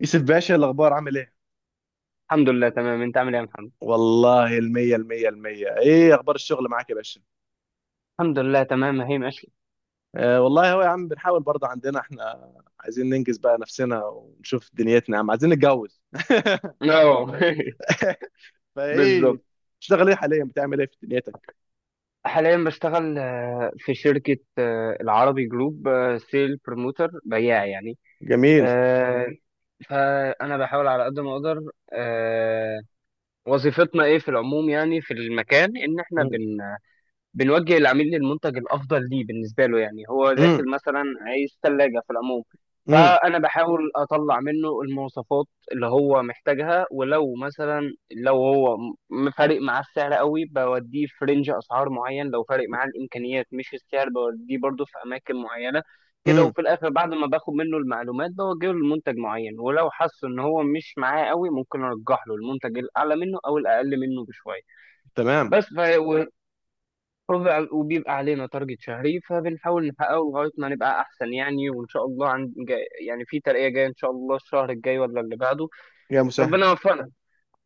يوسف باشا، الأخبار عامل إيه؟ الحمد لله تمام. انت عامل ايه يا محمد؟ والله المية المية. إيه أخبار الشغل معاك يا باشا؟ الحمد لله تمام هي ماشي. آه والله، هو يا عم بنحاول برضه عندنا إحنا، عايزين ننجز بقى نفسنا ونشوف دنيتنا يا عم، عايزين نتجوز. اه فإيه، بالظبط. بتشتغل إيه حاليا، بتعمل إيه في دنيتك؟ حاليا بشتغل في شركة العربي جروب، سيل بروموتر بياع يعني. جميل. آه، فأنا بحاول على قد ما أقدر. آه، وظيفتنا إيه في العموم يعني في المكان، إن إحنا مم. بنوجه العميل للمنتج الافضل ليه بالنسبه له. يعني هو مم. داخل مثلا عايز ثلاجه في العموم، مم. فانا بحاول اطلع منه المواصفات اللي هو محتاجها، ولو مثلا فارق معاه السعر قوي بوديه في رينج اسعار معين، لو فارق معاه الامكانيات مش السعر بوديه برضه في اماكن معينه كده. مم. وفي الاخر بعد ما باخد منه المعلومات بوجهه لمنتج معين، ولو حس ان هو مش معاه قوي ممكن ارجح له المنتج الاعلى منه او الاقل منه بشويه. تمام. بس ف... وبيبقى علينا تارجت شهري، فبنحاول نحققه لغاية ما نبقى أحسن يعني، وإن شاء الله عند جاي يعني في ترقية جاية إن شاء الله الشهر الجاي ولا اللي بعده. يا مسهل. ربنا يوفقنا.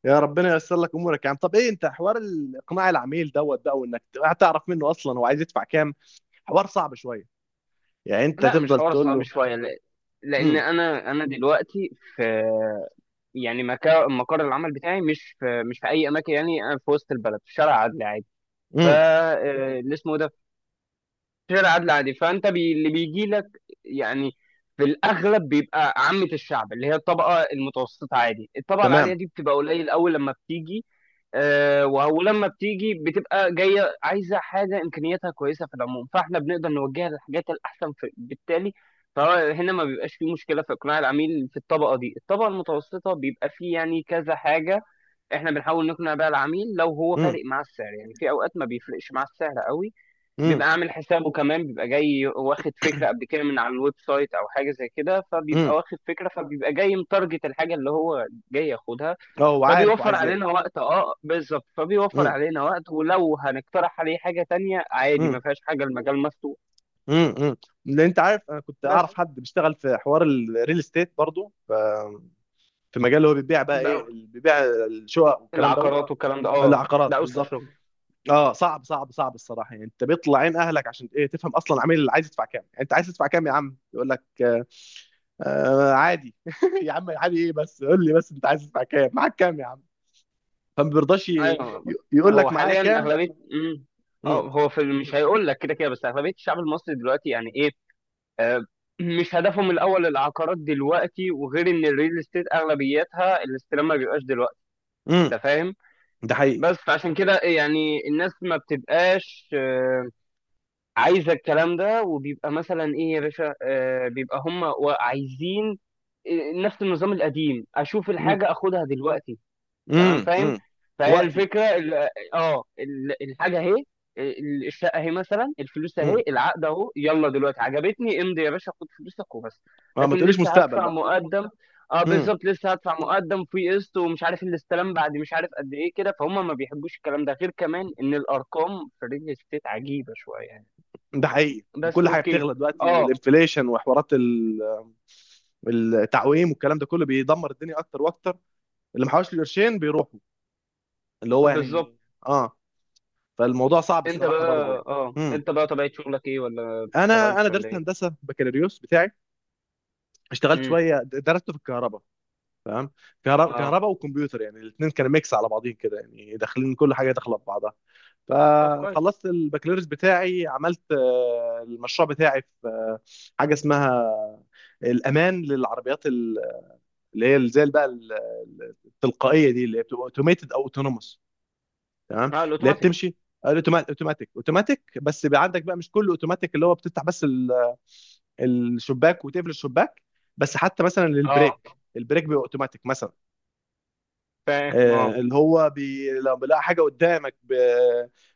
يا ربنا ييسر لك امورك يا عم. طب ايه، انت حوار اقناع العميل دوت بقى، وانك تعرف منه اصلا هو عايز يدفع كام، حوار صعب شويه. يعني انت لا مش تفضل حوار تقول صعب له، شوية. لأن امم. أنا دلوقتي في، يعني مقر العمل بتاعي مش في، مش في أي أماكن. يعني أنا في وسط البلد في شارع عدلي عادي. ف امم. آه، اللي اسمه ده غير عدل عادي. اللي بيجي لك يعني في الاغلب بيبقى عامه الشعب، اللي هي الطبقه المتوسطه عادي. الطبقه العاليه تمام. دي بتبقى قليل اول لما بتيجي. آه، ولما بتيجي بتبقى جايه عايزه حاجه امكانياتها كويسه في العموم، فاحنا بنقدر نوجهها للحاجات الاحسن بالتالي. فهنا ما بيبقاش فيه مشكله في اقناع العميل. في الطبقه دي، الطبقه المتوسطه، بيبقى فيه يعني كذا حاجه احنا بنحاول نقنع بيها العميل لو هو فارق امم. مع السعر. يعني في اوقات ما بيفرقش مع السعر قوي، امم. بيبقى عامل حسابه، كمان بيبقى جاي واخد فكرة قبل كده من على الويب سايت أو حاجة زي كده، فبيبقى امم. واخد فكرة، فبيبقى جاي متارجت الحاجة اللي هو جاي ياخدها، اه هو عارف فبيوفر وعايز ايه. علينا وقت. اه بالظبط، فبيوفر امم. علينا وقت. ولو هنقترح عليه حاجة تانية عادي امم. ما فيهاش حاجة، المجال مفتوح. امم. امم. لان انت عارف، انا كنت اعرف بس حد بيشتغل في حوار الريل استيت برضه، في مجال اللي هو بيبيع بقى، ايه بقى اللي بيبيع؟ الشقق والكلام دوت. العقارات والكلام ده، اه العقارات ده أوسخ بالظبط. شغل. اه، صعب صعب صعب الصراحه يعني، انت بيطلع عين اهلك عشان ايه؟ تفهم اصلا العميل اللي عايز يدفع كام. يعني انت عايز تدفع كام يا عم؟ يقول لك آه. آه عادي. يا عم عادي ايه؟ بس قول لي، بس انت عايز تدفع كام، معاك كام يا عم؟ فما بيرضاش أيوه. يقول هو لك معايا حاليا كام. أغلبية اه امم. هو في مش هيقول لك كده كده، بس أغلبية الشعب المصري دلوقتي يعني إيه، آه، مش هدفهم الاول العقارات دلوقتي. وغير ان الريل استيت اغلبيتها الاستلام ما بيبقاش دلوقتي، امم. انت فاهم. ده حقيقي. بس فعشان كده يعني الناس ما بتبقاش عايزه الكلام ده. وبيبقى مثلا ايه يا باشا، بيبقى هم عايزين نفس النظام القديم: اشوف مم. الحاجه اخدها دلوقتي. تمام مم. فاهم. مم. فهي وقتي. الفكره، الحاجه اهي، الشقه اهي، مثلا الفلوس اهي، مم. العقد اهو، يلا دلوقتي عجبتني امضي يا باشا خد فلوسك وبس. ما لكن تقوليش لسه مستقبل هدفع بقى. مقدم. اه مم. بالظبط، لسه هدفع مقدم في قسط، ومش عارف الاستلام بعد مش عارف قد ايه كده، فهم ما بيحبوش الكلام ده. غير كمان ان الارقام في الريل استيت عجيبه شويه يعني. ده حقيقي. بس وكل حاجه اوكي. بتغلى دلوقتي، اه والانفليشن وحوارات التعويم، والكلام ده كله بيدمر الدنيا اكتر واكتر. اللي محوش له قرشين بيروحوا، اللي هو بالظبط. يعني. اه. فالموضوع صعب انت الصراحه بقى، برضه يعني. اه مم. انت بقى طبيعه شغلك ايه، ولا ما انا بتشتغلش ولا درست ايه؟ هندسه بكالوريوس بتاعي. اشتغلت امم. شويه، درسته في الكهرباء. تمام. كهرباء اه. كهرباء وكمبيوتر، يعني الاثنين كانوا ميكس على بعضين كده، يعني داخلين كل حاجه داخله في بعضها. طب كويس. فخلصت البكالوريوس بتاعي، عملت المشروع بتاعي في حاجه اسمها الامان للعربيات اللي هي زي بقى التلقائيه دي، اللي هي بتبقى اوتوميتد او اوتونوموس. تمام. اه اللي هي الاوتوماتيك. بتمشي اوتوماتيك اوتوماتيك. بس بيبقى عندك بقى مش كله اوتوماتيك، اللي هو بتفتح بس الشباك وتقفل الشباك. بس حتى مثلا اه للبريك، البريك بيبقى اوتوماتيك مثلا. فاهم اه. اللي هو لما بيلاقي حاجه قدامك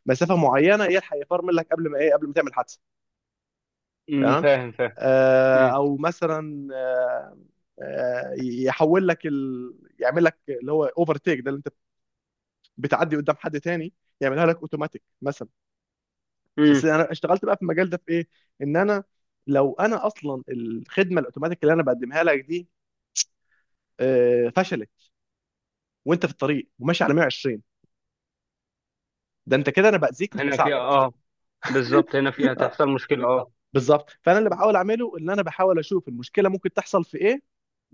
بمسافه معينه، يلحق يفرمل لك قبل ما ايه، قبل ما تعمل حادثه. أمم، تمام. فاهم فاهم. أمم، او مثلا يحول لك يعمل لك اللي هو اوفر تيك، ده اللي انت بتعدي قدام حد تاني، يعملها لك اوتوماتيك مثلا. أمم. بس انا اشتغلت بقى في المجال ده في ايه، ان انا، لو انا اصلا الخدمه الاوتوماتيك اللي انا بقدمها لك دي فشلت، وانت في الطريق وماشي على 120، ده انت كده انا باذيك مش هنا فيها بساعدك. اه، بالظبط هنا فيها تحصل مشكلة اه. بالظبط. فانا اللي بحاول اعمله ان انا بحاول اشوف المشكله ممكن تحصل في ايه،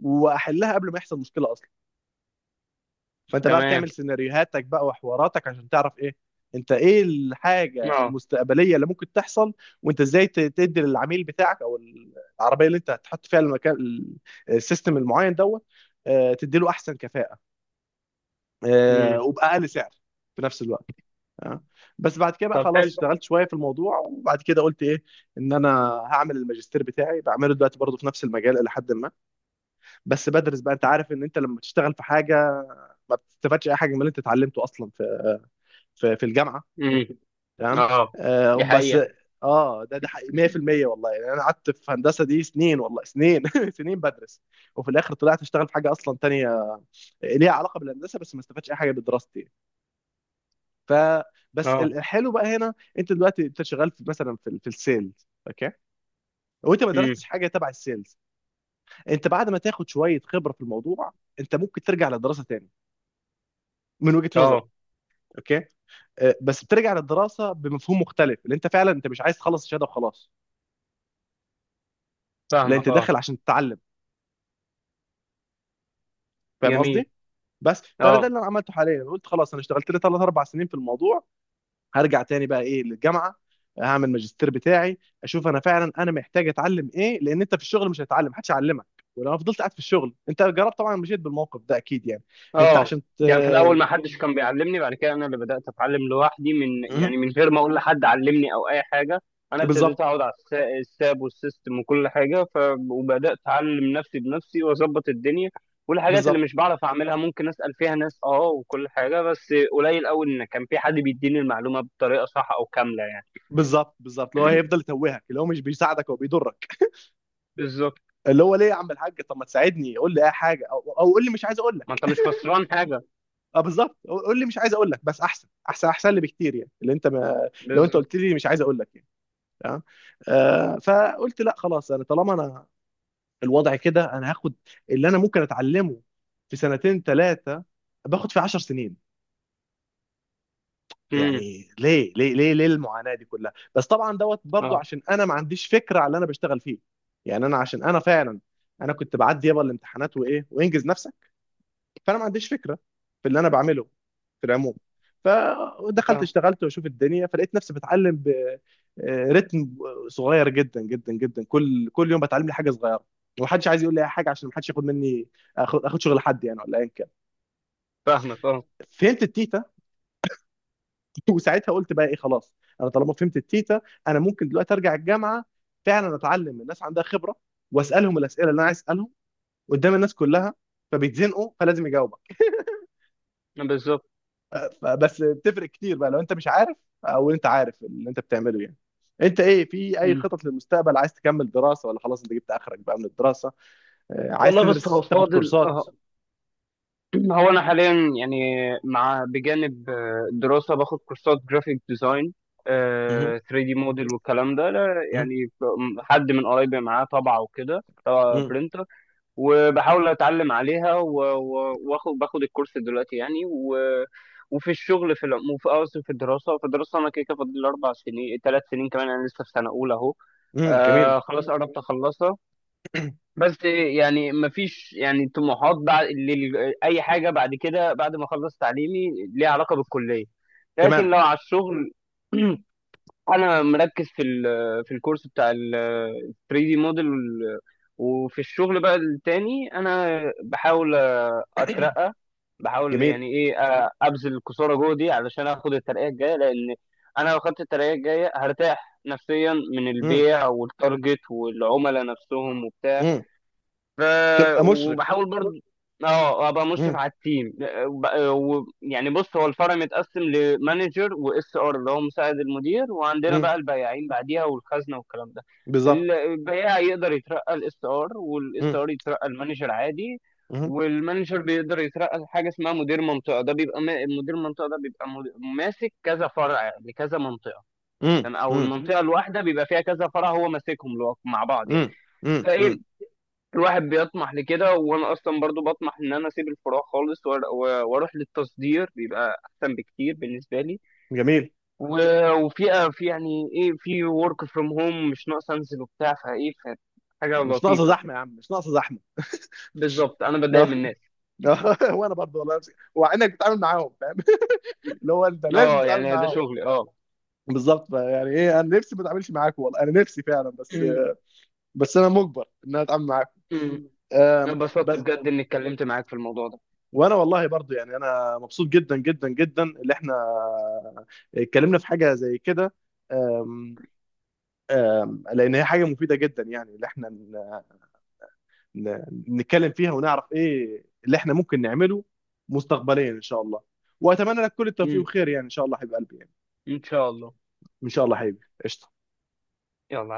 واحلها قبل ما يحصل مشكله اصلا. فانت بقى تمام بتعمل سيناريوهاتك بقى وحواراتك عشان تعرف ايه، انت ايه الحاجه اه. المستقبليه اللي ممكن تحصل، وانت ازاي تدي للعميل بتاعك، او العربيه اللي انت هتحط فيها المكان السيستم المعين دوت، تدي له احسن كفاءه أمم. وباقل سعر في نفس الوقت. اه. بس بعد كده بقى طب خلاص، حلو. اشتغلت شويه في الموضوع، وبعد كده قلت ايه، ان انا هعمل الماجستير بتاعي، بعمله دلوقتي برضه في نفس المجال الى حد ما. بس بدرس بقى، انت عارف ان انت لما تشتغل في حاجه، ما بتستفادش اي حاجه من اللي انت اتعلمته اصلا في في الجامعه. أمم، تمام. اه آه دي بس. حقيقة. اه، ده حقيقي 100% والله يعني. انا قعدت في هندسه دي سنين، والله سنين، سنين بدرس، وفي الاخر طلعت اشتغل في حاجه اصلا تانية ليها علاقه بالهندسه، بس ما استفادش اي حاجه بدراستي. ف بس اه الحلو بقى هنا، انت دلوقتي انت شغال في مثلا في السيلز اوكي، وانت ما أمم، درستش حاجه تبع السيلز. انت بعد ما تاخد شويه خبره في الموضوع، انت ممكن ترجع للدراسه تاني، من وجهه نظري. اه اوكي. بس بترجع للدراسه بمفهوم مختلف، اللي انت فعلا انت مش عايز تخلص الشهاده وخلاص، لا انت فاهمك اه. داخل عشان تتعلم. فاهم جميل. قصدي؟ بس فانا ده اه. اللي انا عملته حاليا. قلت خلاص، انا اشتغلت لي ثلاث اربع سنين في الموضوع، هرجع تاني بقى ايه للجامعه، هعمل ماجستير بتاعي، اشوف انا فعلا انا محتاج اتعلم ايه. لان انت في الشغل مش هتتعلم، محدش هيعلمك، ولو انا فضلت قاعد في الشغل. انت جربت طبعا، مشيت بالموقف ده اكيد يعني، انت اه عشان يعني في الاول ما حدش كان بيعلمني، بعد كده انا اللي بدات اتعلم لوحدي من، يعني مهم. من غير ما اقول لحد علمني او اي حاجه. انا ابتديت بالظبط. اقعد على الساب والسيستم وكل حاجه، وبدات اتعلم نفسي بنفسي واظبط الدنيا والحاجات اللي بالظبط مش بعرف اعملها ممكن اسال فيها ناس، اه وكل حاجه، بس قليل قوي ان كان في حد بيديني المعلومه بطريقه صح او كامله يعني. بالظبط بالظبط اللي هو هيفضل يتوهك، اللي هو مش بيساعدك، هو بيضرك. بالظبط. اللي هو ليه يا عم الحاج، طب ما تساعدني، قول لي اي حاجه، او قول لي مش عايز اقول ما لك. انت مش خسران حاجه. اه بالظبط، قول لي مش عايز اقول لك، بس احسن احسن احسن لي بكتير يعني، اللي انت، ما لو انت بالظبط. قلت لي مش عايز اقول لك يعني. تمام. آه فقلت لا خلاص، انا طالما انا الوضع كده، انا هاخد اللي انا ممكن اتعلمه في سنتين ثلاثه، باخد في عشر سنين امم. يعني. ليه ليه ليه ليه المعاناه دي كلها؟ بس طبعا دوت برضو، اه. عشان انا ما عنديش فكره على اللي انا بشتغل فيه يعني. انا عشان انا فعلا انا كنت بعدي يابا الامتحانات وايه وانجز نفسك. فانا ما عنديش فكره في اللي انا بعمله في العموم. فدخلت اه اشتغلت واشوف الدنيا، فلقيت نفسي بتعلم برتم صغير جدا جدا جدا، كل يوم بتعلم لي حاجه صغيره. ومحدش عايز يقول لي اي حاجه، عشان محدش ياخد مني، اخد شغل حد يعني، ولا ايا كان. فاهمك اه. فهمت التيتا. وساعتها قلت بقى ايه، خلاص انا طالما فهمت التيتا، انا ممكن دلوقتي ارجع الجامعه، فعلا اتعلم من الناس عندها خبره، واسالهم الاسئله اللي انا عايز اسالهم قدام الناس كلها، فبيتزنقوا فلازم يجاوبك. بالظبط. فبس بتفرق كتير بقى، لو انت مش عارف، او انت عارف اللي انت بتعمله يعني. انت ايه في اي مم. خطط للمستقبل، عايز تكمل دراسة، ولا خلاص انت جبت اخرك بقى من الدراسة؟ عايز والله بص هو تدرس تاخد فاضل كورسات؟ اه. هو انا حاليا يعني، مع بجانب الدراسه باخد كورسات جرافيك ديزاين، مهم. 3D موديل والكلام ده. لا، مم. يعني حد من قرايبي معاه طابعه وكده، طابعه مم. برينتر، وبحاول اتعلم عليها واخد باخد الكورس دلوقتي يعني. و وفي الشغل في العموم، في قصدي في الدراسه، في الدراسه انا كده كده فاضل لي اربع سنين ثلاث سنين كمان، انا لسه في سنه اولى اهو. مم. جميل. آه خلاص قربت اخلصها. بس يعني مفيش يعني طموحات بعد اي حاجه بعد كده بعد ما اخلص تعليمي ليها علاقه بالكليه، تمام. لكن لو على الشغل، انا مركز في في الكورس بتاع ال 3 دي موديل. وفي الشغل بقى التاني انا بحاول اترقى، بحاول جميل. يعني ايه ابذل الكسوره جوه دي علشان اخد الترقيه الجايه، لان انا لو خدت الترقيه الجايه هرتاح نفسيا من مم. البيع والتارجت والعملاء نفسهم وبتاع. مم. ف تبقى مشرف. وبحاول برضه اه ابقى مشرف مم. على التيم. وب- يعني بص، هو الفرع متقسم لمانجر واس ار اللي هو مساعد المدير، وعندنا بقى مم. البياعين بعديها والخزنه والكلام ده. بالظبط. البياع يقدر يترقى الاس ار، والاس مم. ار يترقى المانجر عادي. مم. والمانجر بيقدر يترقى لحاجه اسمها مدير منطقه. ده بيبقى مدير منطقه، ده بيبقى ماسك كذا فرع لكذا منطقه. مم. تمام؟ او مم. المنطقه الواحده بيبقى فيها كذا فرع هو ماسكهم مع بعض يعني. مم. مم. فايه مم. الواحد بيطمح لكده، وانا اصلا برضو بطمح ان انا اسيب الفروع خالص واروح للتصدير، بيبقى احسن بكتير بالنسبه لي. جميل. وفي، في يعني ايه، في ورك فروم هوم، مش ناقص انزل وبتاع. فايه حاجه مش ناقصة لطيفه كده. زحمة يا عم، مش ناقصة زحمة. بالظبط انا بتضايق من الناس. وانا برضه والله نفسي، وعينك بتتعامل معاهم فاهم. اللي هو انت لازم اه تتعامل يعني ده معاهم. شغلي اه. بالظبط بقى، يعني ايه، انا نفسي ما اتعاملش معاكم والله، انا نفسي فعلا بس. أمم، بس انا مجبر ان انا اتعامل معاكم. أمم. انا اتبسطت بس. بجد اني اتكلمت معاك في الموضوع ده. وانا والله برضو يعني، انا مبسوط جدا جدا جدا اللي احنا اتكلمنا في حاجه زي كده. آم، لان هي حاجه مفيده جدا يعني، اللي احنا ن- نتكلم فيها، ونعرف ايه اللي احنا ممكن نعمله مستقبليا ان شاء الله. واتمنى لك كل التوفيق أمم، والخير يعني، ان شاء الله حبيب قلبي يعني. ان شاء الله. ان شاء الله حبيبي. قشطه. يلا.